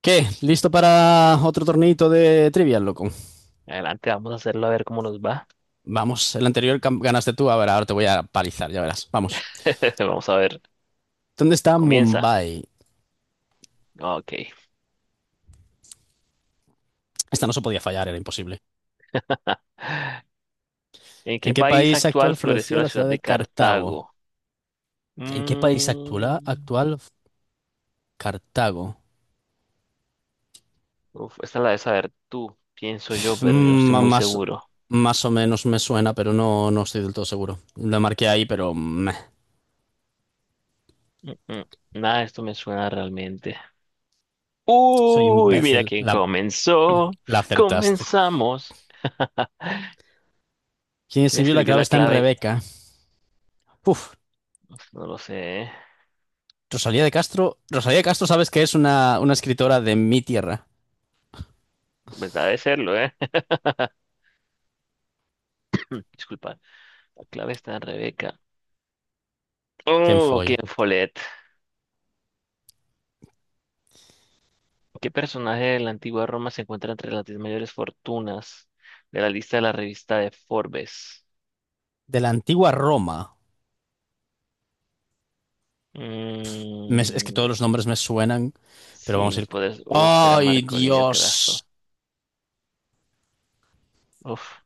¿Qué? ¿Listo para otro torneito de trivia, loco? Adelante, vamos a hacerlo a ver cómo nos va. Vamos, el anterior ganaste tú, a ver, ahora te voy a palizar, ya verás. Vamos. Vamos a ver. ¿Dónde está Comienza. Mumbai? Ah, ok. Esta no se podía fallar, era imposible. ¿En qué ¿En qué país país actual actual floreció floreció la la ciudad ciudad de de Cartago? Cartago? ¿En qué país actual, Mm, actual Cartago? uf, esta la debes saber tú, pienso yo, pero yo no estoy Mm, muy más, seguro. más o menos me suena, pero no, no estoy del todo seguro. La marqué ahí, pero meh, Mm, mm, Nada de esto me suena realmente. soy Uy, mira imbécil. quién La, comenzó. la acertaste. Comenzamos. ¿Quién ¿Quién escribió la escribió clave la está en clave? Rebeca? Uf, Uf, no lo sé, ¿eh? Rosalía de Castro, sabes que es una escritora de mi tierra, Pues debe serlo, ¿eh? Disculpa. La clave está en Rebeca. Ken Oh, Follett, quién Follett. ¿Qué personaje de la antigua Roma se encuentra entre las 10 mayores fortunas de la lista de la revista de Forbes? de la antigua Roma. Es que Mm, todos los nombres me suenan, pero vamos sí, a ir. puedes. Uf, era ¡Ay, Marco Lidio Craso. Dios! Uf.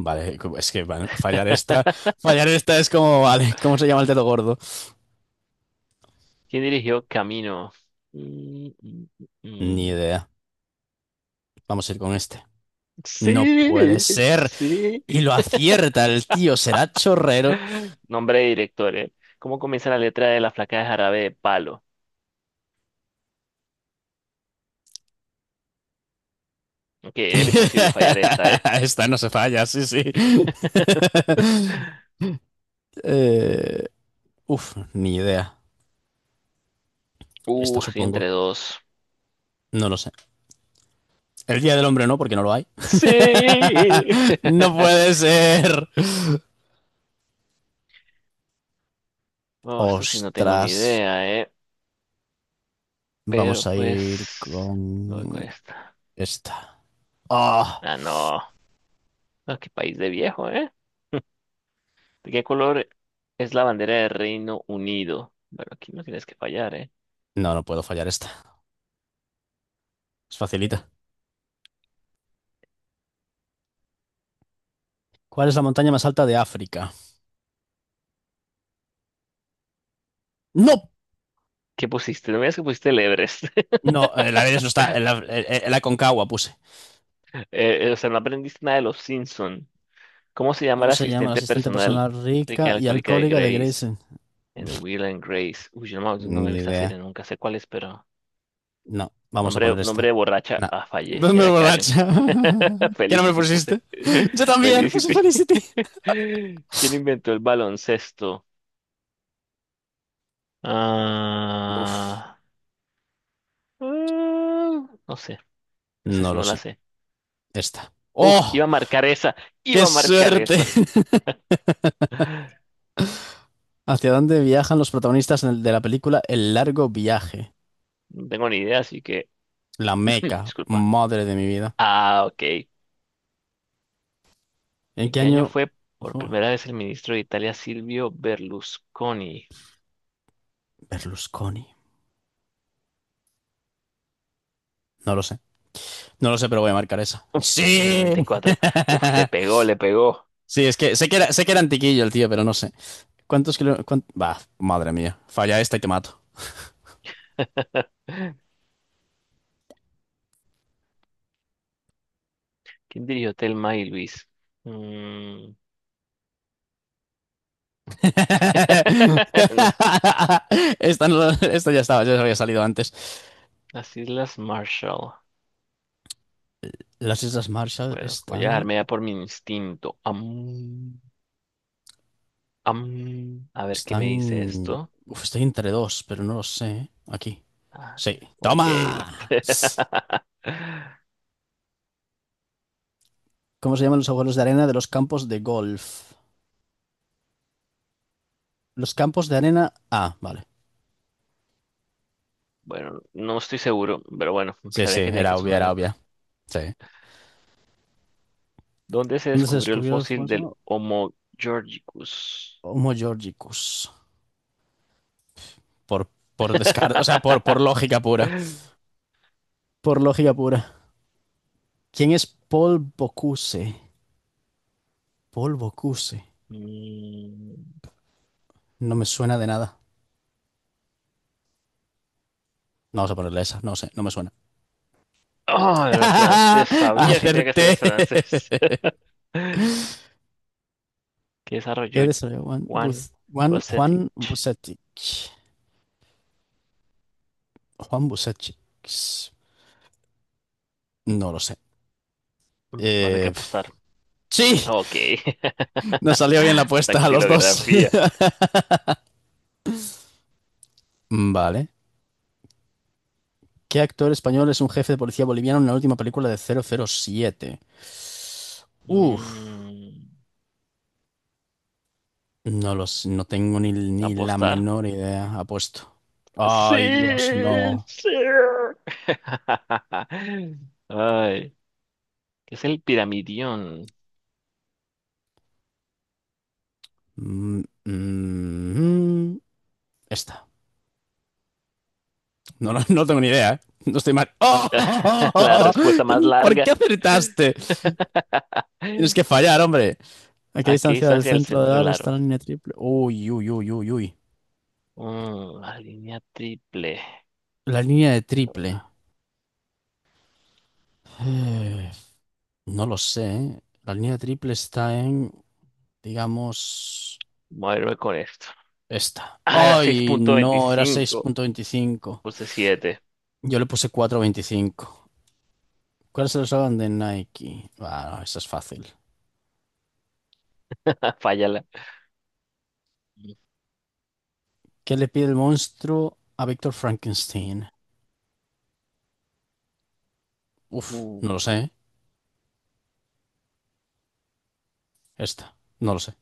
Vale, es que bueno, fallar esta es como, vale, ¿cómo se llama el dedo gordo? ¿Quién dirigió Camino? Mm, mm, mm, Ni mm. idea. Vamos a ir con este. No puede Sí, ser. sí. Y lo acierta el tío, será chorrero. Nombre de director, ¿eh? ¿Cómo comienza la letra de la flaca de jarabe de palo? Ok, era imposible fallar esta, ¿eh? Esta no se falla, sí, sí. Eh, Uf, ni idea. Esta sí, supongo. entre dos. No lo sé. El Día del Hombre no, porque no lo hay. Sí. No puede ser. Oh, esto sí no tengo ni Ostras. idea, ¿eh? Pero Vamos a ir pues... me voy con con esta. esta. Ah, Ah, no. Ah, qué país de viejo, ¿eh? ¿De qué color es la bandera del Reino Unido? Bueno, aquí no tienes que fallar, ¿eh? no, no puedo fallar esta. Es facilita. ¿Cuál es la montaña más alta de África? ¡No! ¿Qué pusiste? No me digas que pusiste el Everest. No, la Everest no está. El Aconcagua puse. O sea, no aprendiste nada de los Simpson. ¿Cómo se llama ¿Cómo la se llama la asistente asistente personal personal rica y rica y alcohólica de alcohólica de Grace Grayson? en Will and Grace? Uy, yo no, me no me he Ni visto esa idea. serie, nunca sé cuál es, pero... No, vamos a Nombre, poner esta. nombre de borracha. No. Ah, fallé. ¿Dónde Era Karen. borracha? ¿Qué nombre Felicity puse. pusiste? Yo también, puse Felicity. Felicity. ¿Quién inventó el baloncesto? Uf, Ah, ah, no sé. Esa no sí lo no la sé. sé. Esta. Uf, iba ¡Oh! a marcar esa. ¡Qué Iba a marcar suerte! esa. ¿Hacia dónde viajan los protagonistas de la película El largo viaje? No tengo ni idea, así que La Meca. disculpa. Madre de mi vida. Ah, ok. ¿En ¿En qué qué año año? fue Uf, por primera vez el ministro de Italia Silvio Berlusconi? Berlusconi. No lo sé. No lo sé, pero voy a marcar esa. El ¡Sí! 94. Uf, le pegó, le pegó. Sí, es que sé que era antiquillo el tío, pero no sé. ¿Cuántos kilómetros? Bah, madre mía. Falla esta y te mato. ¿Quién dirigió Thelma y Luis? Mm, no, Esta, no- esta ya estaba, ya se había salido antes. Las Islas Marshall. Las Islas Marshall Bueno, voy a están, dejarme ya por mi instinto. A ver qué me dice están, esto. uf, estoy entre dos, pero no lo sé. Aquí. Ah, Sí. mira, ok. La- ¡Toma! ¿Cómo se llaman los agujeros de arena de los campos de golf? Los campos de arena. Ah, vale. Bueno, no estoy seguro, pero bueno, Sí, sí, sabía que tenía que era obvia, sonar era algo. obvia. Sí. ¿Dónde se ¿Dónde se descubrió el descubrió el fósil del famoso Homo Georgicus? Homo Georgicus? Por, por descarte, o sea, por lógica pura. Por lógica pura. ¿Quién es Paul Bocuse? Polvo QC. Mm, No me suena de nada. No vamos a ponerle esa, no sé, no me suena. ah, era francés. Sabía que tenía que ¡Acerté! ser francés. Que desarrolló ¿Qué deseo? Juan, Juan Buz- Juan, Juan Bocetich. Busetic. Juan Busetic. No lo sé. Vas a tener que Eh, apostar. ¡Sí! Ok. Nos salió bien la apuesta a los dos. Dactilografía. Vale. ¿Qué actor español es un jefe de policía boliviano en la última película de 007? Uf, Mm, no lo sé, no tengo ni la ¿Apostar? menor idea, apuesto. Sí, Ay, Dios, no. sí. Ay, ¿qué es el piramidión? Mm, mm, Esta. No, no, no tengo ni idea, ¿eh? No estoy mal. La ¡Oh! respuesta más ¿Por qué larga. acertaste? Tienes que fallar, hombre. ¿A qué ¿A qué distancia del distancia del centro del centro del aro está aro? la línea triple? Uy, uy, uy, uy, uy. La línea triple. La línea de triple. Eh, no lo sé, ¿eh? La línea de triple está en, digamos, Voy a moverme con esto. esta. Ah, era seis ¡Ay, punto no! Era seis veinticinco. punto veinticinco. Puse 7. Yo le puse 4,25. ¿Cuál es el slogan de Nike? Bueno, eso es fácil. Fállala. ¿Qué le pide el monstruo a Víctor Frankenstein? Uf, Uh, no lo sé, ¿eh? Esta, no lo sé.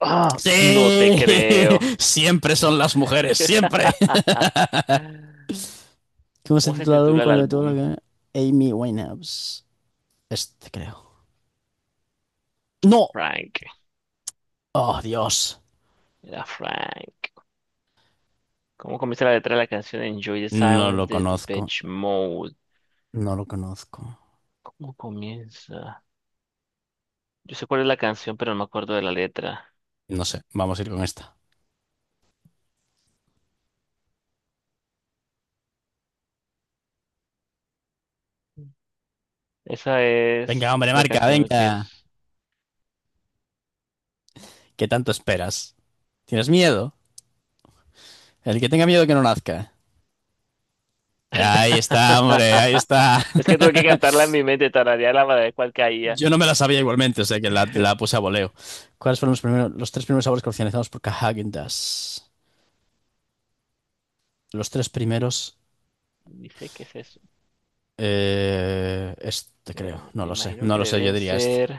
ah, no te ¡Sí! creo. Siempre son las mujeres, siempre. ¿Cómo se ¿Cómo se titula el álbum titula el con el de todo lo álbum? que... Amy Winehouse. Este, creo. ¡No! Frank. ¡Oh, Dios! Era Frank. ¿Cómo comienza la letra de la canción Enjoy the No Silence lo de conozco. Depeche Mode? No lo conozco. ¿Cómo comienza? Yo sé cuál es la canción, pero no me acuerdo de la letra. No sé, vamos a ir con esta. Esa Venga, hombre, es la marca, canción que venga. es. ¿Qué tanto esperas? ¿Tienes miedo? El que tenga miedo que no nazca. Ahí está, hombre, ahí está. Es que tuve que cantarla en mi mente, tararearla para ver cuál caía. Yo no me la sabía igualmente, o sea que la puse a voleo. ¿Cuáles fueron los primeros, los tres primeros sabores comercializados por Häagen Dazs? Los tres primeros. Dice qué es eso, Este creo, pero no me lo sé, imagino no que lo sé, yo deben diría este. ser.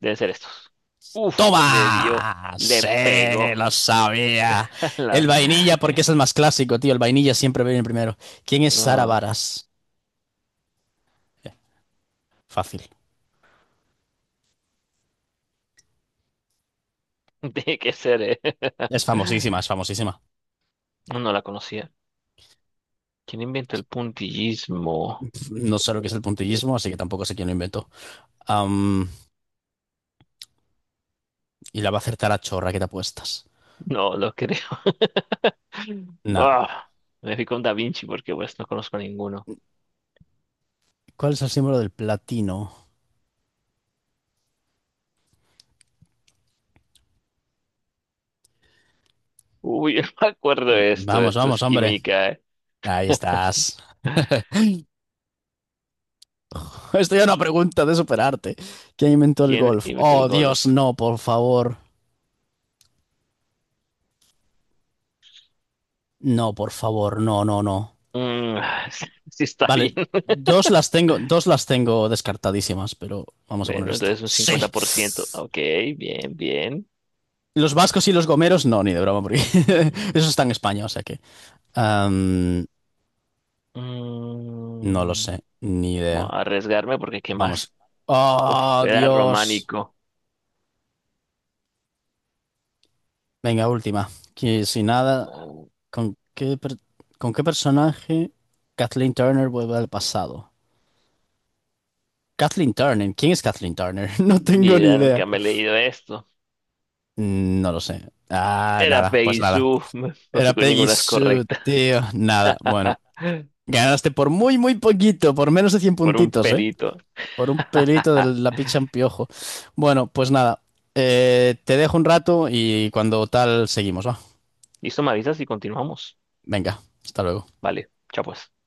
Debe ser estos. Uf, le dio, ¡Toma! le Sí, lo pegó. sabía. El La- vainilla, porque es eh, el más clásico, tío. El vainilla siempre viene primero. ¿Quién es Sara ah, Baras? Eh, Fácil. tiene que ser, eh. Es No, famosísima, es famosísima. no la conocía. ¿Quién inventó el puntillismo? No sé lo que es el puntillismo, así que tampoco sé quién lo inventó. Am, y la va a acertar a chorra, ¿qué te apuestas? No lo creo. Nah. Ah, me fui con Da Vinci porque pues no conozco a ninguno. ¿Cuál es el símbolo del platino? Uy, yo no me acuerdo de esto. Vamos, Esto vamos, es hombre. química, eh. Ahí estás. Estoy a una pregunta de superarte. ¿Quién inventó el ¿Quién golf? inventó el Oh, golf? Dios, no, por favor. No, por favor, no, no, no. Mm, sí, sí está bien. Vale, dos las tengo descartadísimas, pero vamos a poner Bueno, esta. entonces un Sí. 50%. Ok, bien, bien. Los vascos y los gomeros, no, ni de broma, porque Mm. eso está en España, o sea que. am, no lo Mm, sé, ni voy idea. a arriesgarme porque ¿qué Vamos. más? Uf, Oh, era Dios. románico. Venga, última. Que si nada, Ah, ¿Con qué, con qué personaje Kathleen Turner vuelve al pasado? Kathleen Turner, ¿quién es Kathleen Turner? No ni tengo ni idea, idea. nunca me he leído esto. No lo sé. Ah, Era nada, pues Peggy nada. Sue. No, no fui Era con Peggy ninguna es Sue, correcta. tío. Nada, bueno. Ganaste por muy, muy poquito, por menos de 100 Por un puntitos, ¿eh? pelito. Por un pelito de la picha en piojo. Bueno, pues nada. Te dejo un rato y cuando tal seguimos, ¿va? Listo, me avisas y continuamos. Venga, hasta luego. Vale, chao pues.